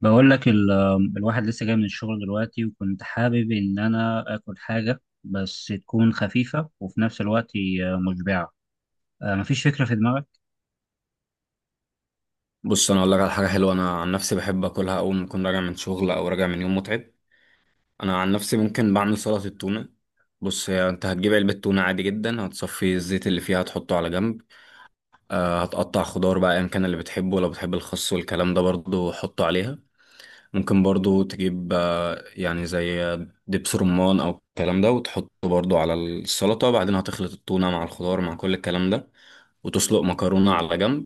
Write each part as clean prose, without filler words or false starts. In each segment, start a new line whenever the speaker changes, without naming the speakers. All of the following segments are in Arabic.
بقول لك ال- الواحد لسه جاي من الشغل دلوقتي وكنت حابب إن أنا آكل حاجة بس تكون خفيفة وفي نفس الوقت مشبعة. مفيش فكرة في دماغك؟
بص، انا اقول لك على حاجه حلوه. انا عن نفسي بحب اكلها اول ما اكون راجع من شغل او راجع من يوم متعب. انا عن نفسي ممكن بعمل سلطه التونه. بص، هي انت هتجيب علبه تونه عادي جدا، هتصفي الزيت اللي فيها هتحطه على جنب. هتقطع خضار بقى، ايا كان اللي بتحبه، لو بتحب الخس والكلام ده برضو حطه عليها. ممكن برضو تجيب يعني زي دبس رمان او الكلام ده، وتحطه برضو على السلطه. بعدين هتخلط التونه مع الخضار مع كل الكلام ده وتسلق مكرونه على جنب.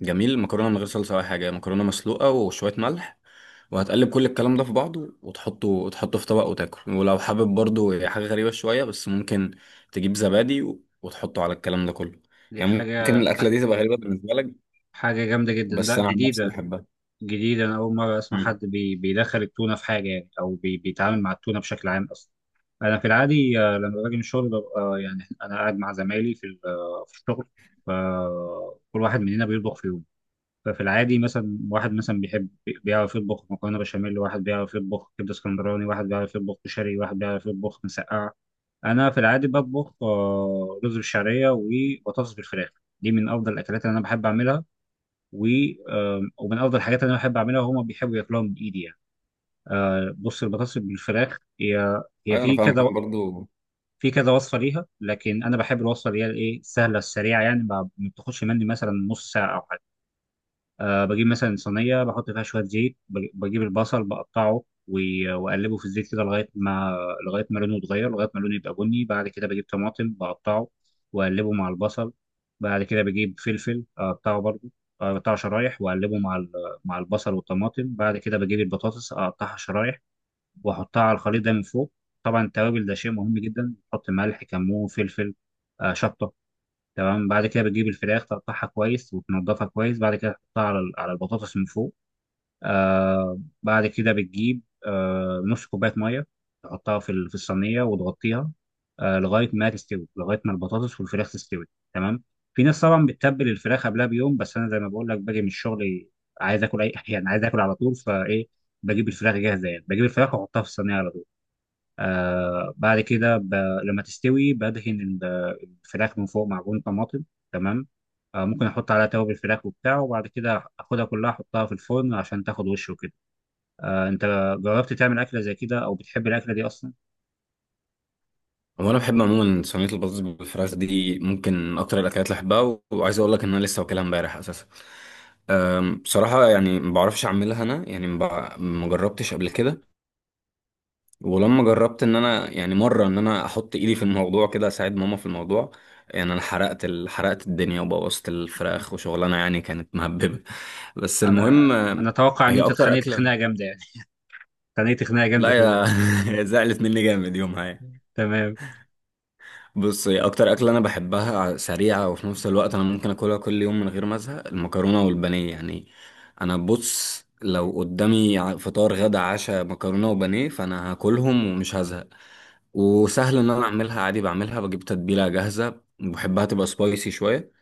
جميل، المكرونه من غير صلصه ولا حاجه، مكرونه مسلوقه وشويه ملح. وهتقلب كل الكلام ده في بعضه، وتحطه في طبق وتاكل. ولو حابب برضو حاجه غريبه شويه، بس ممكن تجيب زبادي وتحطه على الكلام ده كله.
دي
يعني ممكن
حاجة ح-
الاكله دي تبقى غريبه بالنسبه لك،
حاجة جامدة جدا،
بس
لا
انا عن نفسي
جديدة.
بحبها.
جديدة، أنا أول مرة أسمع حد
مم.
بيدخل التونة في حاجة يعني، أو بيتعامل مع التونة بشكل عام أصلا. أنا في العادي لما باجي من الشغل ببقى يعني أنا قاعد مع زمايلي في ال- آه، في الشغل، فكل واحد مننا بيطبخ في يوم. ففي العادي مثلا واحد مثلا بيحب، بيعرف يطبخ مكرونه بشاميل، واحد بيعرف يطبخ كبده اسكندراني، واحد بيعرف يطبخ كشري، واحد بيعرف يطبخ مسقعه. انا في العادي بطبخ رز بالشعريه وبطاطس بالفراخ. دي من افضل الاكلات اللي انا بحب اعملها، و ومن افضل الحاجات اللي انا بحب اعملها وهما بيحبوا ياكلوها من ايدي يعني. بص، البطاطس بالفراخ هي
ايوه، انا
في
فاهمك.
كذا،
أنا برضو
في كذا وصفه ليها، لكن انا بحب الوصفه اللي هي الايه، السهله السريعه، يعني ما بتاخدش مني مثلا نص ساعه او حاجه. أه بجيب مثلا صينية بحط فيها شوية زيت، بجيب البصل بقطعه وأقلبه في الزيت كده لغاية ما، لغاية ما لونه يتغير، لغاية ما لونه يبقى بني. بعد كده بجيب طماطم بقطعه وأقلبه مع البصل. بعد كده بجيب فلفل أقطعه برضه، أقطعه شرايح وأقلبه مع البصل والطماطم. بعد كده بجيب البطاطس أقطعها شرايح وأحطها على الخليط ده من فوق. طبعا التوابل ده شيء مهم جدا، بحط ملح كمون فلفل، شطة. تمام. بعد كده بتجيب الفراخ تقطعها كويس وتنضفها كويس، بعد كده تحطها على البطاطس من فوق. آه بعد كده بتجيب آه نص كوباية مية تحطها في الصينية وتغطيها، آه لغاية ما تستوي، لغاية ما البطاطس والفراخ تستوي. تمام. في ناس طبعا بتتبل الفراخ قبلها بيوم، بس أنا زي ما بقول لك باجي من الشغل عايز آكل أي يعني عايز آكل على طول، فإيه بجيب الفراخ جاهزة، يعني بجيب الفراخ وأحطها في الصينية على طول. آه بعد كده ب... لما تستوي بدهن الفراخ من فوق معجون طماطم. تمام. آه ممكن احط عليها توابل الفراخ وبتاع، وبعد كده اخدها كلها احطها في الفرن عشان تاخد وش وكده. آه، انت جربت تعمل اكله زي كده او بتحب الاكله دي اصلا؟
هو انا بحب عموما صينيه البطاطس بالفراخ دي، ممكن من اكتر الاكلات اللي بحبها. وعايز اقول لك ان انا لسه واكلها امبارح اساسا. بصراحه يعني ما بعرفش اعملها انا. يعني ما جربتش قبل كده. ولما جربت ان انا يعني مره ان انا احط ايدي في الموضوع كده، اساعد ماما في الموضوع، يعني انا حرقت الدنيا وبوظت الفراخ، وشغلانه يعني كانت مهببه. بس
انا
المهم.
انا اتوقع ان
هي
انت
اكتر
اتخانقت
اكله.
خناقه جامده يعني. اتخانقت خناقه
لا
جامده في
يا.
اليوم.
هي زعلت مني جامد يومها يعني.
تمام.
بصي، اكتر اكله انا بحبها سريعه وفي نفس الوقت انا ممكن اكلها كل يوم من غير ما ازهق، المكرونه والبانيه يعني. انا بص، لو قدامي فطار غدا عشاء مكرونه وبانيه، فانا هاكلهم ومش هزهق. وسهل ان انا اعملها عادي. بعملها، بجيب تتبيله جاهزه بحبها تبقى سبايسي شويه.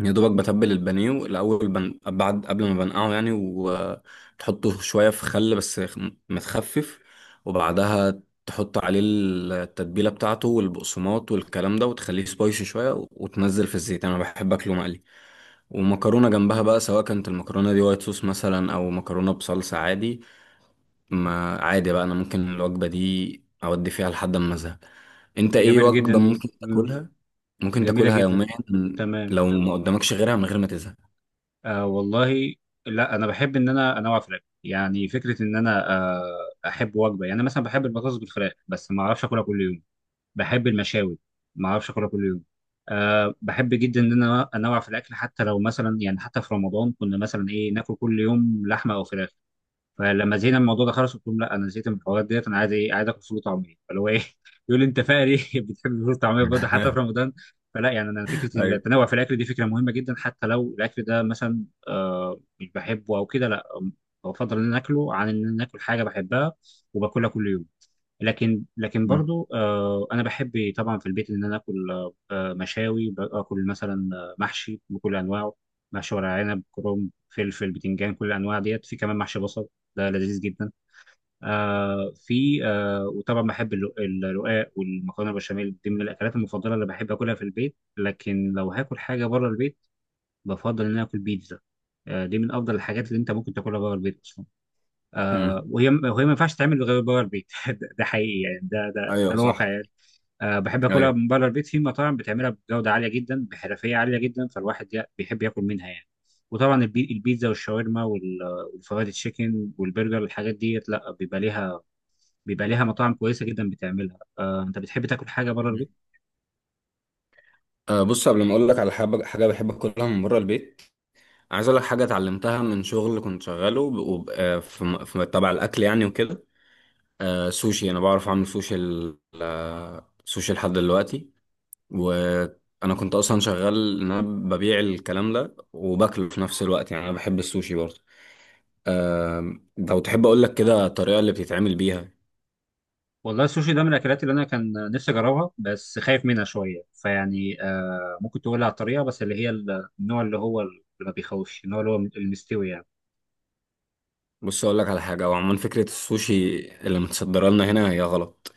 يا دوبك بتبل البانيه الاول بعد، قبل ما بنقعه يعني، وتحطه شويه في خل بس متخفف. وبعدها تحط عليه التتبيله بتاعته والبقسماط والكلام ده، وتخليه سبايسي شويه وتنزل في الزيت. انا بحب اكله مقلي ومكرونه جنبها بقى، سواء كانت المكرونه دي وايت صوص مثلا او مكرونه بصلصه عادي. ما عادي بقى، انا ممكن الوجبة دي اودي فيها لحد ما ازهق. انت
دي
ايه
جميل جدا
وجبة
دي.
ممكن
مم.
تاكلها؟ ممكن
جميله
تاكلها
جدا.
يوميا؟
تمام.
لو ما قدامكش غيرها من غير ما تزهق؟
آه والله، لا انا بحب ان انا انوع في الاكل، يعني فكره ان انا آه احب وجبه، يعني أنا مثلا بحب البطاطس بالفراخ بس ما اعرفش اكلها كل يوم. بحب المشاوي ما اعرفش اكلها كل يوم. آه بحب جدا ان انا انوع في الاكل، حتى لو مثلا يعني حتى في رمضان كنا مثلا ايه، ناكل كل يوم لحمه او فراخ. فلما زهقنا من الموضوع ده خلاص قلت لهم لا، انا زهقت من الحوارات ديت، انا عايز ايه، عايز اكل فول وطعميه، فاللي هو ايه يقول لي انت فقري بتحب الفول والطعميه برضه حتى في رمضان. فلا، يعني انا فكره
ايوه.
التنوع في الاكل دي فكره مهمه جدا، حتى لو الاكل ده مثلا آه مش بحبه او كده، لا بفضل ان أنا اكله، عن ان أنا اكل حاجه بحبها وباكلها كل يوم. لكن
مم.
برضو انا بحب طبعا في البيت ان انا اكل مشاوي، باكل مثلا محشي بكل انواعه، محشي ورق عنب كرنب فلفل بتنجان، كل الانواع ديت، في كمان محشي بصل ده لذيذ جدا. آه في آه وطبعا بحب الرقاق والمكرونه البشاميل، دي من الاكلات المفضله اللي بحب اكلها في البيت. لكن لو هاكل حاجه بره البيت بفضل ان انا اكل بيتزا. آه دي من افضل الحاجات اللي انت ممكن تاكلها بره البيت اصلا. آه
مم.
وهي ما ينفعش تتعمل غير بره البيت ده حقيقي يعني، ده ده
ايوه
الواقع
صح.
يعني. آه بحب اكلها
ايوه.
من بره البيت في مطاعم بتعملها بجوده عاليه جدا، بحرفيه عاليه جدا، فالواحد بيحب ياكل منها يعني. وطبعا البيتزا والشاورما والفرايد تشيكن والبرجر، الحاجات ديت لا بيبقى ليها، بيبقى ليها مطاعم كويسه جدا بتعملها. آه، انت بتحب تاكل حاجه بره
مم.
البيت؟
أه بص، قبل ما اقول لك على حاجه بحب اكلها من بره البيت، عايز اقول لك حاجه اتعلمتها من شغل كنت شغاله في تبع الاكل يعني وكده. سوشي، انا بعرف اعمل سوشي سوشي لحد دلوقتي. وانا كنت اصلا شغال ان انا ببيع الكلام ده وباكله في نفس الوقت، يعني انا بحب السوشي برضه. لو تحب اقول لك كده الطريقه اللي بتتعمل بيها.
والله السوشي ده من الاكلات اللي انا كان نفسي اجربها بس خايف منها شويه، فيعني آه ممكن تقول لي على الطريقه بس، اللي هي النوع اللي هو اللي ما بيخوفش، النوع اللي هو المستوي يعني.
بص، اقول لك على حاجه. هو عموما فكره السوشي اللي متصدره لنا هنا هي غلط.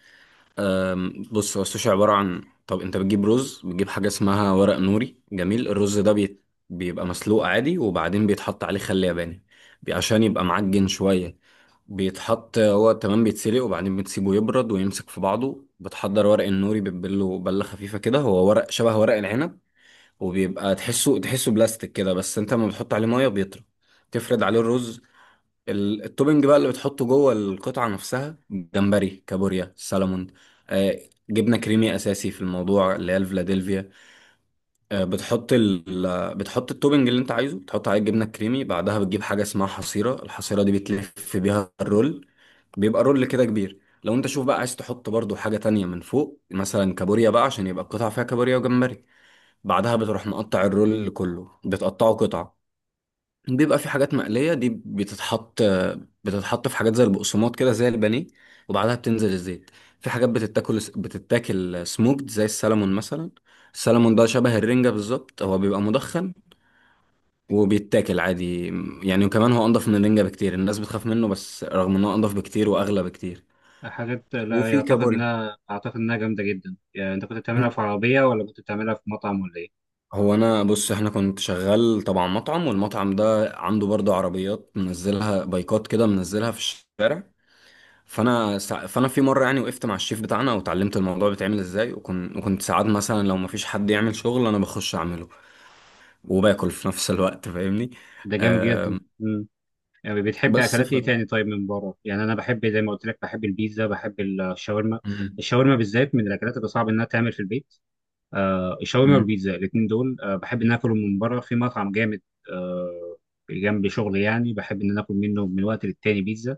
بص، هو السوشي عباره عن، طب انت بتجيب رز، بتجيب حاجه اسمها ورق نوري. جميل، الرز ده بيبقى مسلوق عادي، وبعدين بيتحط عليه خل ياباني عشان يبقى معجن شويه. بيتحط هو، تمام، بيتسلق وبعدين بتسيبه يبرد ويمسك في بعضه. بتحضر ورق النوري، بتبله بلة خفيفة كده. هو ورق شبه ورق العنب، وبيبقى تحسه بلاستيك كده، بس انت لما بتحط عليه مية بيطرى. تفرد عليه الرز. التوبنج بقى اللي بتحطه جوه القطعة نفسها، جمبري، كابوريا، سالمون. آه جبنة كريمي أساسي في الموضوع، اللي هي الفلاديلفيا. آه بتحط ال... آه، بتحط التوبنج اللي انت عايزه، بتحط عليه الجبنة الكريمي. بعدها بتجيب حاجة اسمها حصيرة. الحصيرة دي بتلف بيها الرول، بيبقى رول كده كبير. لو انت شوف بقى عايز تحط برضو حاجة تانية من فوق، مثلا كابوريا بقى عشان يبقى القطعة فيها كابوريا وجمبري. بعدها بتروح مقطع الرول كله، بتقطعه قطع. بيبقى في حاجات مقلية، دي بتتحط في حاجات زي البقسماط كده زي البانيه، وبعدها بتنزل الزيت. في حاجات بتتاكل سموكد زي السلمون مثلا. السلمون ده شبه الرنجة بالظبط، هو بيبقى مدخن وبيتاكل عادي يعني. وكمان هو انضف من الرنجة بكتير. الناس بتخاف منه، بس رغم انه انضف بكتير واغلى بكتير.
حاجات لا،
وفي
يعتقد
كابوريا.
انها اعتقد انها جامده جدا يعني. انت كنت بتعملها في عربيه ولا كنت بتعملها في مطعم ولا ايه؟
هو انا بص، احنا كنت شغال طبعا مطعم، والمطعم ده عنده برضه عربيات منزلها، بايكات كده منزلها في الشارع. فانا في مره يعني وقفت مع الشيف بتاعنا وتعلمت الموضوع بيتعمل ازاي. وكنت ساعات مثلا لو مفيش حد يعمل شغل انا بخش اعمله وباكل في نفس الوقت، فاهمني؟
ده جامد جدا.
آم،
امم، يعني بتحب
بس
اكلات ايه تاني طيب من بره؟ يعني انا بحب زي ما قلت لك، بحب البيتزا، بحب الشاورما.
مم.
الشاورما بالذات من الاكلات اللي صعب انها تعمل في البيت. آه الشاورما
مم.
والبيتزا الاثنين دول آه بحب ان اكلهم من بره في مطعم جامد. آه جنب شغلي يعني بحب ان أنا اكل منه من وقت للتاني بيتزا،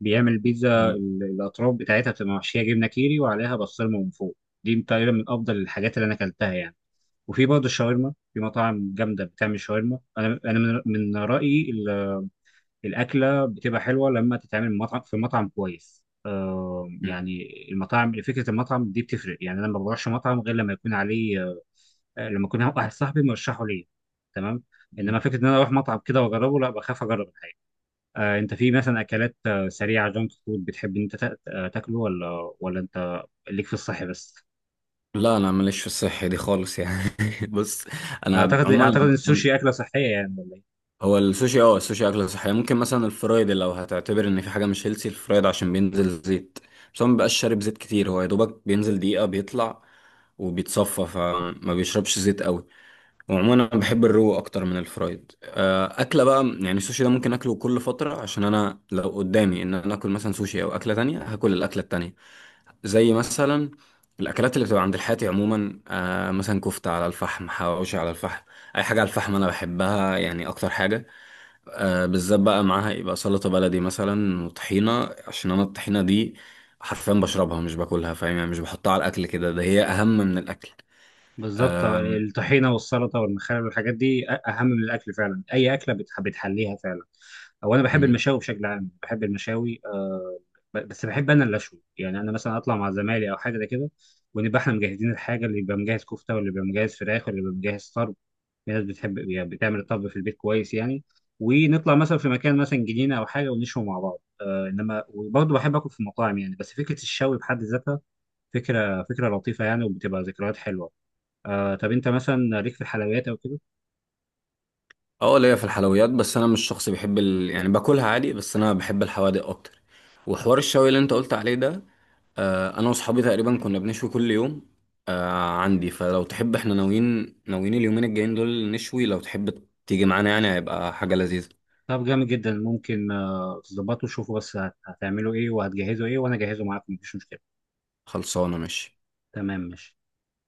بيعمل بيتزا
مم.
الاطراف بتاعتها بتبقى محشيه جبنه كيري وعليها بسطرمه من فوق. دي تقريبا من افضل الحاجات اللي انا اكلتها يعني. وفي برضه الشاورما في مطاعم جامده بتعمل شاورما. انا من رايي الاكله بتبقى حلوه لما تتعمل من مطعم، في مطعم كويس آه يعني. المطاعم، فكره المطعم دي بتفرق، يعني انا ما بروحش مطعم غير لما يكون عليه لما يكون واحد صاحبي مرشحه ليا. تمام. انما
مم.
فكره ان انا اروح مطعم كده واجربه لا، بخاف اجرب الحاجه. انت في مثلا اكلات سريعه جانك فود بتحب ان انت تاكله، ولا انت ليك في الصحي بس؟
لا، انا ماليش في الصحة دي خالص يعني. بص، انا
اعتقد
عموما
اعتقد ان السوشي اكله صحيه يعني ولا ايه؟
هو السوشي اكله صحيه. ممكن مثلا الفرايد، لو هتعتبر ان في حاجه مش هيلسي، الفرايد عشان بينزل زيت. بس هو مبيبقاش شارب زيت كتير، هو يا دوبك بينزل دقيقه بيطلع وبيتصفى، فما بيشربش زيت قوي. وعموما انا بحب الرو اكتر من الفرايد. اكله بقى يعني السوشي ده ممكن اكله كل فتره، عشان انا لو قدامي ان انا اكل مثلا سوشي او اكله تانية هاكل الاكله التانية. زي مثلا الاكلات اللي بتبقى عند الحاتي عموما، مثلا كفته على الفحم، حواوشي على الفحم. اي حاجه على الفحم انا بحبها يعني اكتر حاجه. بالذات بقى معاها يبقى سلطة بلدي مثلا وطحينة، عشان انا الطحينة دي حرفيا بشربها مش باكلها، فاهم يعني؟ مش بحطها على الاكل كده، ده هي اهم من الاكل.
بالظبط، الطحينه والسلطه والمخلل والحاجات دي اهم من الاكل فعلا، اي اكله بتحليها فعلا. او انا بحب
مم.
المشاوي بشكل عام، بحب المشاوي بس بحب انا اللي اشوي، يعني انا مثلا اطلع مع زمايلي او حاجه زي كده، ونبقى احنا مجهزين الحاجه، اللي يبقى مجهز كفته واللي يبقى مجهز فراخ واللي يبقى مجهز طرب. في ناس بتحب يعني بتعمل الطبخ في البيت كويس يعني، ونطلع مثلا في مكان مثلا جنينه او حاجه ونشوي مع بعض. آه انما وبرضه بحب اكل في مطاعم يعني، بس فكره الشوي بحد ذاتها فكره لطيفه يعني وبتبقى ذكريات حلوه. آه طب انت مثلا ليك في الحلويات او كده؟
اه، ليا في الحلويات، بس انا مش شخص بيحب يعني باكلها عادي. بس انا بحب الحوادق اكتر. وحوار الشوي اللي انت قلت عليه ده، انا واصحابي تقريبا كنا بنشوي كل يوم. عندي، فلو تحب احنا ناويين اليومين الجايين دول نشوي، لو تحب تيجي معانا يعني هيبقى حاجة لذيذة.
طب جامد جدا، ممكن آه تظبطوا شوفوا بس هتعملوا ايه وهتجهزوا ايه، وانا اجهزه معاكم مفيش مشكله.
خلصانة، ماشي.
تمام ماشي.